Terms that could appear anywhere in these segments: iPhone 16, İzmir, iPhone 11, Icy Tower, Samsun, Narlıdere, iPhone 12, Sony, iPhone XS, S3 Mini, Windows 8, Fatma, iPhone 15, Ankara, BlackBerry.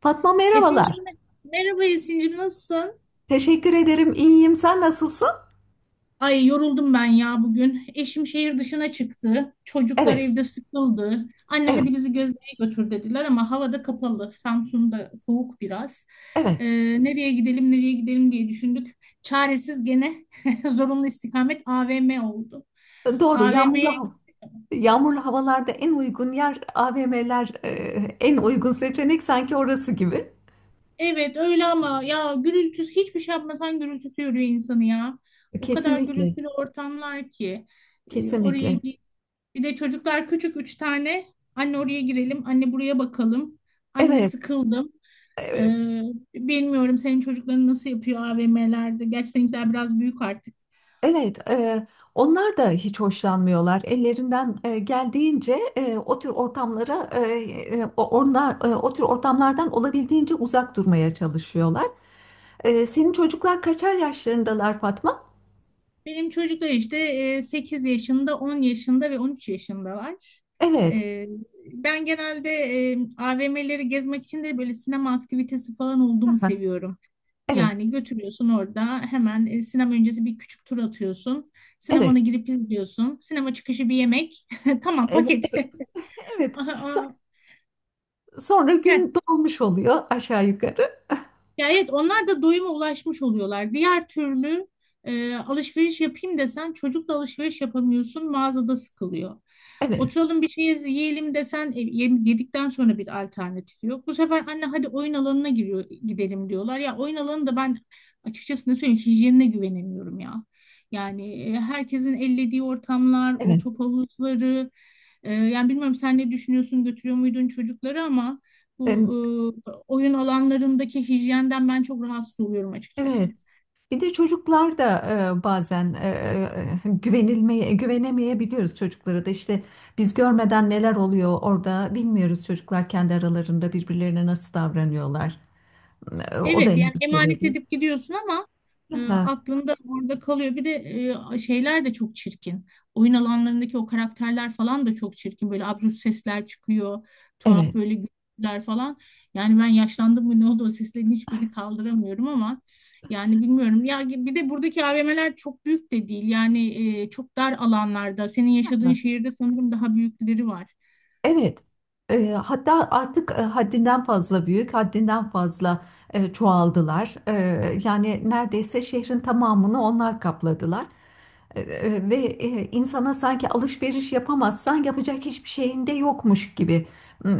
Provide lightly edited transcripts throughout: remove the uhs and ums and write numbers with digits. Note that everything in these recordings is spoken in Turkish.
Fatma merhabalar. Esin'cim mer- merhaba Esin'cim, nasılsın? Teşekkür ederim. İyiyim. Sen nasılsın? Ay, yoruldum ben ya bugün. Eşim şehir dışına çıktı. Çocuklar Evet, evde sıkıldı. Anne, evet, hadi bizi gezmeye götür, dediler ama havada kapalı. Samsun'da soğuk biraz. evet. Ee, nereye gidelim, nereye gidelim diye düşündük. Çaresiz gene zorunlu istikamet AVM oldu. Doğru. AVM'ye. Yağmurlu hava. Yağmurlu havalarda en uygun yer AVM'ler, en uygun seçenek sanki orası gibi. Evet, öyle ama ya gürültüsü, hiçbir şey yapmasan gürültüsü yoruyor insanı ya. O kadar Kesinlikle, gürültülü ortamlar ki. E, oraya kesinlikle. gi- Bir de çocuklar küçük, üç tane. Anne oraya girelim, anne buraya bakalım. Anne Evet, sıkıldım. evet, Ee, bilmiyorum senin çocukların nasıl yapıyor AVM'lerde. Gerçi seninkiler biraz büyük artık. evet. Onlar da hiç hoşlanmıyorlar. Ellerinden geldiğince o tür ortamlara, onlar o tür ortamlardan olabildiğince uzak durmaya çalışıyorlar. E, senin çocuklar kaçar yaşlarındalar Fatma? Benim çocuklar işte 8 yaşında, 10 yaşında ve 13 yaşındalar. Evet. Ee, ben genelde AVM'leri gezmek için de böyle sinema aktivitesi falan olduğumu Aha, seviyorum. evet. Yani götürüyorsun, orada hemen sinema öncesi bir küçük tur atıyorsun. Sinemana Evet. girip izliyorsun. Sinema çıkışı bir yemek. Tamam Evet. Evet. paketi. Evet. So- Aha, Sonra aha. gün dolmuş oluyor aşağı yukarı. Ya evet, onlar da doyuma ulaşmış oluyorlar. Diğer türlü alışveriş yapayım desen, çocukla alışveriş yapamıyorsun, mağazada sıkılıyor. Evet. Oturalım bir şey yiyelim desen, yedikten sonra bir alternatif yok. Bu sefer anne hadi oyun alanına giriyor, gidelim diyorlar. Ya oyun alanı da ben açıkçası ne söyleyeyim, hijyenine güvenemiyorum ya. Yani herkesin ellediği ortamlar, o Evet. top havuzları. Yani bilmiyorum, sen ne düşünüyorsun, götürüyor muydun çocukları ama. Em, Bu oyun alanlarındaki hijyenden ben çok rahatsız oluyorum açıkçası. Evet. Bir de çocuklar da e, bazen e, güvenilmeye güvenemeyebiliyoruz çocuklara da işte biz görmeden neler oluyor orada bilmiyoruz çocuklar kendi aralarında birbirlerine nasıl davranıyorlar. E, o da Evet, yani endişe emanet verici. edip gidiyorsun ama Aha, aklında orada kalıyor. Bir de şeyler de çok çirkin. Oyun alanlarındaki o karakterler falan da çok çirkin. Böyle absürt sesler çıkıyor. evet. Tuhaf böyle gürültüler falan. Yani ben yaşlandım mı, ne oldu, o seslerin hiçbirini kaldıramıyorum ama yani bilmiyorum. Ya bir de buradaki AVM'ler çok büyük de değil. Yani çok dar alanlarda. Senin yaşadığın şehirde sanırım daha büyükleri var. Evet. E, hatta artık haddinden fazla büyük, haddinden fazla çoğaldılar. E, yani neredeyse şehrin tamamını onlar kapladılar. Ve insana sanki alışveriş yapamazsan yapacak hiçbir şeyin de yokmuş gibi e,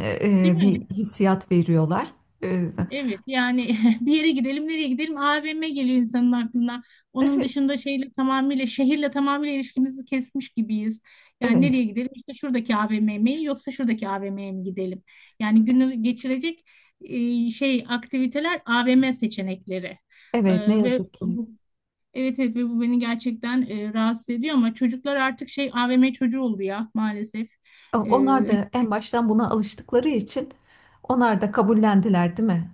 Değil bir mi? hissiyat veriyorlar. E, Evet, yani bir yere gidelim, nereye gidelim, AVM geliyor insanın aklına. Onun dışında şeyle tamamıyla, şehirle tamamıyla ilişkimizi kesmiş gibiyiz. Yani evet, nereye gidelim, işte şuradaki AVM mi yoksa şuradaki AVM'ye mi gidelim? Yani günü geçirecek şey aktiviteler, AVM seçenekleri. evet ne Ve yazık ki. bu, evet, evet, ve bu beni gerçekten rahatsız ediyor ama çocuklar artık şey AVM çocuğu oldu ya, maalesef. E, E, onlar da en baştan buna alıştıkları için onlar da kabullendiler, değil mi?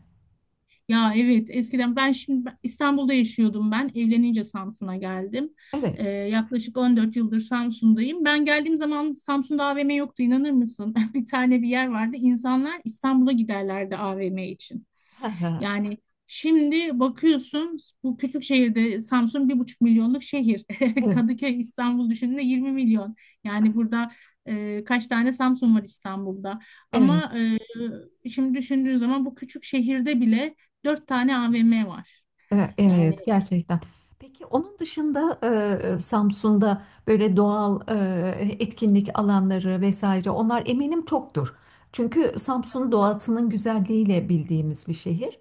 Ya evet, eskiden ben şimdi İstanbul'da yaşıyordum ben. Evlenince Samsun'a geldim. Evet. Yaklaşık 14 yıldır Samsun'dayım. Ben geldiğim zaman Samsun'da AVM yoktu, inanır mısın? Bir tane bir yer vardı. İnsanlar İstanbul'a giderlerdi AVM için. Yani şimdi bakıyorsun, bu küçük şehirde Samsun 1,5 milyonluk şehir. Evet. Kadıköy, İstanbul düşündüğünde 20 milyon. Yani burada kaç tane Samsun var İstanbul'da. Evet. Ama şimdi düşündüğün zaman, bu küçük şehirde bile dört tane AVM var. E, Yani, evet, gerçekten. Peki onun dışında Samsun'da böyle doğal etkinlik alanları vesaire onlar eminim çoktur. Çünkü Samsun doğasının güzelliğiyle bildiğimiz bir şehir.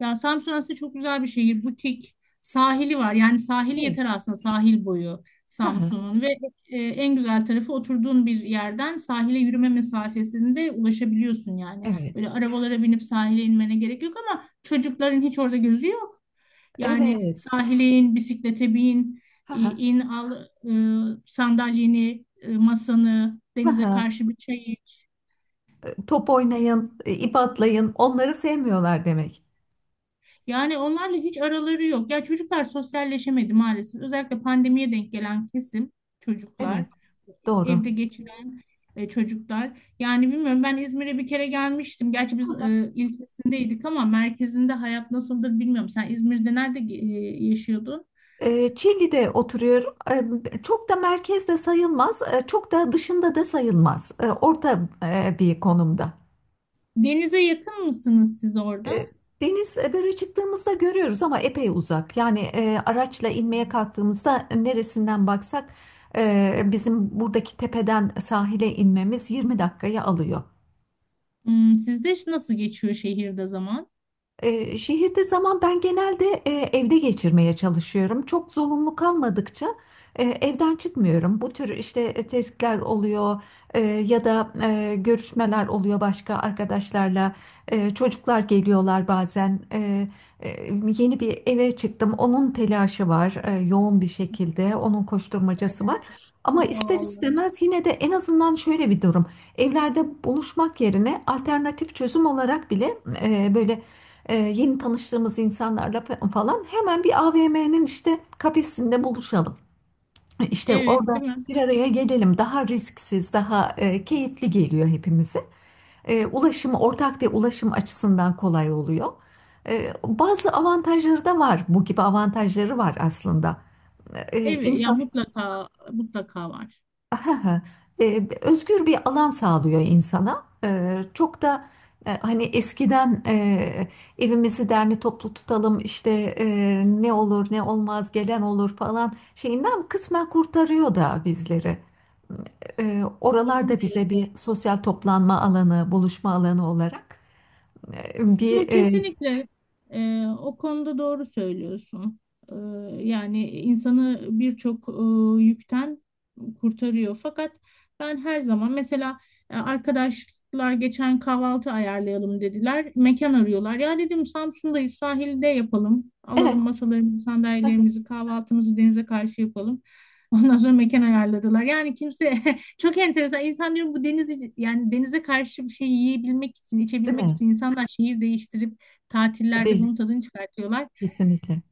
ya Samsun aslında çok güzel bir şehir. Butik, sahili var. Yani sahili Evet. yeter aslında, sahil boyu Ha, ha, Samsun'un ve en güzel tarafı oturduğun bir yerden sahile yürüme mesafesinde ulaşabiliyorsun yani. evet, Böyle arabalara binip sahile inmene gerek yok ama çocukların hiç orada gözü yok. Yani evet. sahile in, bisiklete bin, Ha, ha, in, al sandalyeni, masanı, ha, denize ha. karşı bir çay. Top oynayın, ip atlayın. Onları sevmiyorlar demek. Yani onlarla hiç araları yok. Ya çocuklar sosyalleşemedi maalesef. Özellikle pandemiye denk gelen kesim çocuklar, Evet, doğru. evde geçiren çocuklar. Yani bilmiyorum, ben İzmir'e bir kere gelmiştim. Gerçi biz ilçesindeydik ama merkezinde hayat nasıldır bilmiyorum. Sen İzmir'de nerede yaşıyordun? E, Çilli'de oturuyorum. E, çok da merkezde sayılmaz, e, çok da dışında da sayılmaz. E, orta bir konumda. Denize yakın mısınız siz E, orada? deniz böyle çıktığımızda görüyoruz ama epey uzak. Yani araçla inmeye kalktığımızda neresinden baksak bizim buradaki tepeden sahile inmemiz 20 dakikayı alıyor. Sizde nasıl geçiyor şehirde zaman? Şehirde zaman ben genelde evde geçirmeye çalışıyorum. Çok zorunlu kalmadıkça evden çıkmıyorum. Bu tür işte testler oluyor ya da görüşmeler oluyor başka arkadaşlarla. E, çocuklar geliyorlar bazen. E, Yeni bir eve çıktım. Onun telaşı var yoğun bir şekilde. Onun Kolay koşturmacası var. gelsin. Ama ister Doğal. istemez yine de en azından şöyle bir durum. Evlerde buluşmak yerine alternatif çözüm olarak bile böyle yeni tanıştığımız insanlarla falan hemen bir AVM'nin işte kafesinde buluşalım. İşte Evet, orada değil mi? bir araya gelelim. Daha risksiz, daha keyifli geliyor hepimize. E, ulaşım ortak ve ulaşım açısından kolay oluyor. E, bazı avantajları da var. Bu gibi avantajları var aslında. E, Evet, ya mutlaka mutlaka var. ha, özgür bir alan sağlıyor insana. E, çok da hani eskiden evimizi derli toplu tutalım işte ne olur ne olmaz gelen olur falan şeyinden kısmen kurtarıyor da bizleri. E, Doğru oralar bize diyorsun. bir sosyal toplanma alanı, buluşma alanı olarak e, bir Yok, e, kesinlikle. O konuda doğru söylüyorsun. Ee, yani insanı birçok yükten kurtarıyor. Fakat ben her zaman mesela, arkadaşlar geçen kahvaltı ayarlayalım dediler. Mekan arıyorlar. Ya dedim, Samsun'dayız, sahilde yapalım. evet. Alalım masalarımızı, sandalyelerimizi, kahvaltımızı denize karşı yapalım. Ondan sonra mekan ayarladılar. Yani kimse. Çok enteresan. İnsan diyorum, bu deniz, yani denize karşı bir şey yiyebilmek için, Değil içebilmek mi? için insanlar şehir değiştirip tatillerde Tabii bunun tadını çıkartıyorlar. kesinlikle.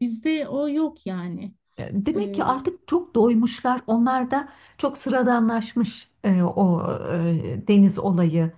Bizde o yok yani. E, demek ki Ee, artık çok doymuşlar. Onlar da çok sıradanlaşmış o deniz olayı.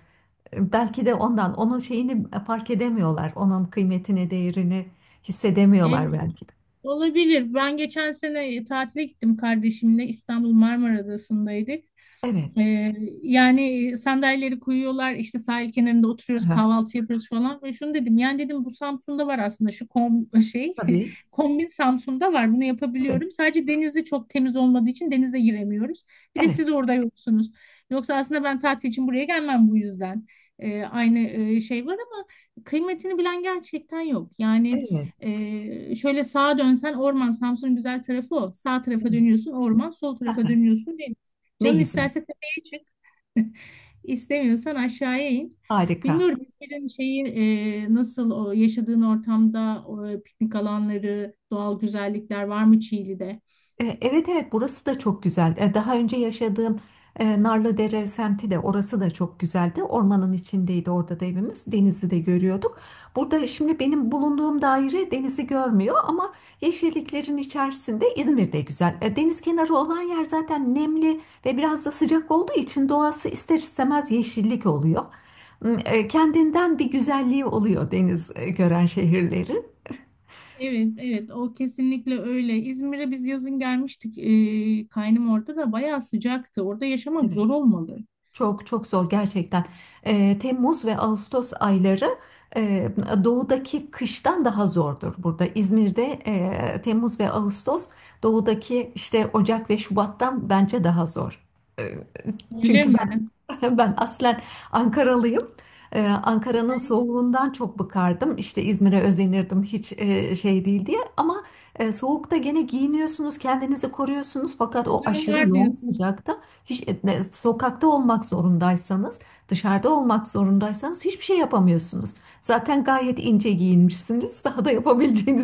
E, belki de ondan onun şeyini fark edemiyorlar. Onun kıymetini, değerini hissedemiyorlar evet belki de. olabilir. Ben geçen sene tatile gittim kardeşimle. İstanbul Marmara Adası'ndaydık. Evet. Ee, yani sandalyeleri koyuyorlar işte, sahil kenarında oturuyoruz, Aha, kahvaltı yapıyoruz falan ve şunu dedim, yani dedim, bu Samsun'da var aslında, şu kom şey tabii. kombin Samsun'da var, bunu Evet. yapabiliyorum, sadece denizi çok temiz olmadığı için denize giremiyoruz, bir de Evet. siz orada yoksunuz, yoksa aslında ben tatil için buraya gelmem bu yüzden. Aynı şey var ama kıymetini bilen gerçekten yok yani. Evet. Şöyle sağa dönsen orman, Samsun'un güzel tarafı o, sağ tarafa Evet. dönüyorsun orman, sol tarafa Aha, dönüyorsun deniz. ne Canın güzel. isterse çık. İstemiyorsan aşağıya in. Harika. Bilmiyorum, İzmir'in şeyi nasıl, o yaşadığın ortamda, o piknik alanları, doğal güzellikler var mı Çiğli'de? E, evet evet burası da çok güzel. E, daha önce yaşadığım Narlıdere semti de orası da çok güzeldi. Ormanın içindeydi orada da evimiz. Denizi de görüyorduk. Burada şimdi benim bulunduğum daire denizi görmüyor ama yeşilliklerin içerisinde İzmir de güzel. E, deniz kenarı olan yer zaten nemli ve biraz da sıcak olduğu için doğası ister istemez yeşillik oluyor. Kendinden bir güzelliği oluyor deniz gören şehirlerin. Evet, evet, o kesinlikle öyle. İzmir'e biz yazın gelmiştik. Kaynım orada da bayağı sıcaktı. Orada yaşamak Evet. zor olmalı. Çok çok zor gerçekten. Temmuz ve Ağustos ayları eee, doğudaki kıştan daha zordur burada. İzmir'de Temmuz ve Ağustos doğudaki işte Ocak ve Şubat'tan bence daha zor. Eee, Öyle Çünkü mi? ben aslen Ankaralıyım. Ankara'nın Ay, soğuğundan çok bıkardım. İşte İzmir'e özenirdim hiç şey değil diye. Ama soğukta gene giyiniyorsunuz, kendinizi koruyorsunuz. Fakat o çözümü aşırı var yoğun diyorsun. sıcakta hiç sokakta olmak zorundaysanız, dışarıda olmak zorundaysanız hiçbir şey yapamıyorsunuz. Zaten gayet ince giyinmişsiniz. Daha da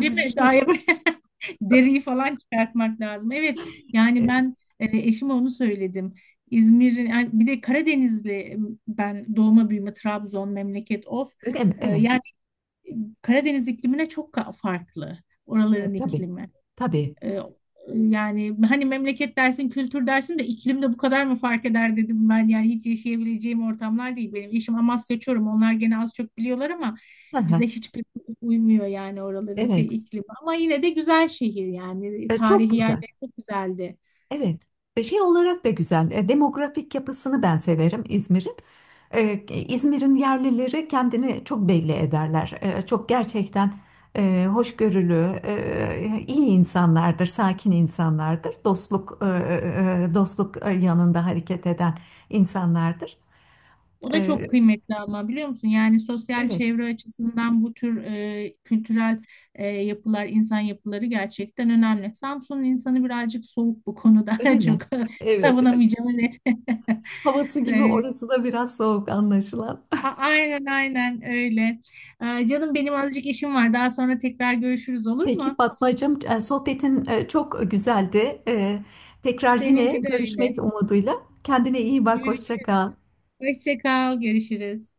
Değil mi? Düşünüyorum. Deriyi falan çıkartmak lazım. Evet, yani E, ben eşime onu söyledim. İzmir'in, yani bir de Karadenizli, ben doğma büyüme Trabzon memleket, of. öyle mi? E, Evet. yani Karadeniz iklimine çok farklı E, oraların tabii. iklimi. Tabii. Ee, yani hani memleket dersin, kültür dersin de iklimde bu kadar mı fark eder dedim ben. Yani hiç yaşayabileceğim ortamlar değil benim. Eşim Amasya Çorum. Onlar gene az çok biliyorlar ama Hı hı. bize hiçbir uymuyor, yani oraların Evet. şey iklimi. Ama yine de güzel şehir yani. E, çok Tarihi güzel. yerleri çok güzeldi. Evet. E, şey olarak da güzel. E, demografik yapısını ben severim İzmir'in. E, İzmir'in yerlileri kendini çok belli ederler. E, çok gerçekten hoşgörülü, iyi insanlardır, sakin insanlardır. Dostluk dostluk yanında hareket eden insanlardır. O da çok E, kıymetli ama biliyor musun? Yani sosyal evet, çevre açısından bu tür kültürel yapılar, insan yapıları gerçekten önemli. Samsun'un insanı birazcık soğuk bu öyle konuda. Çok mi? Evet, savunamayacağım, net. havası gibi E, orası da biraz soğuk anlaşılan. Aynen, aynen öyle. Canım benim azıcık işim var. Daha sonra tekrar görüşürüz, olur Peki mu? Fatmacığım, sohbetin çok güzeldi. E, tekrar yine Seninki de öyle. görüşmek umuduyla. Kendine iyi bak, hoşça Görüşürüz. kal. Hoşça kal, görüşürüz.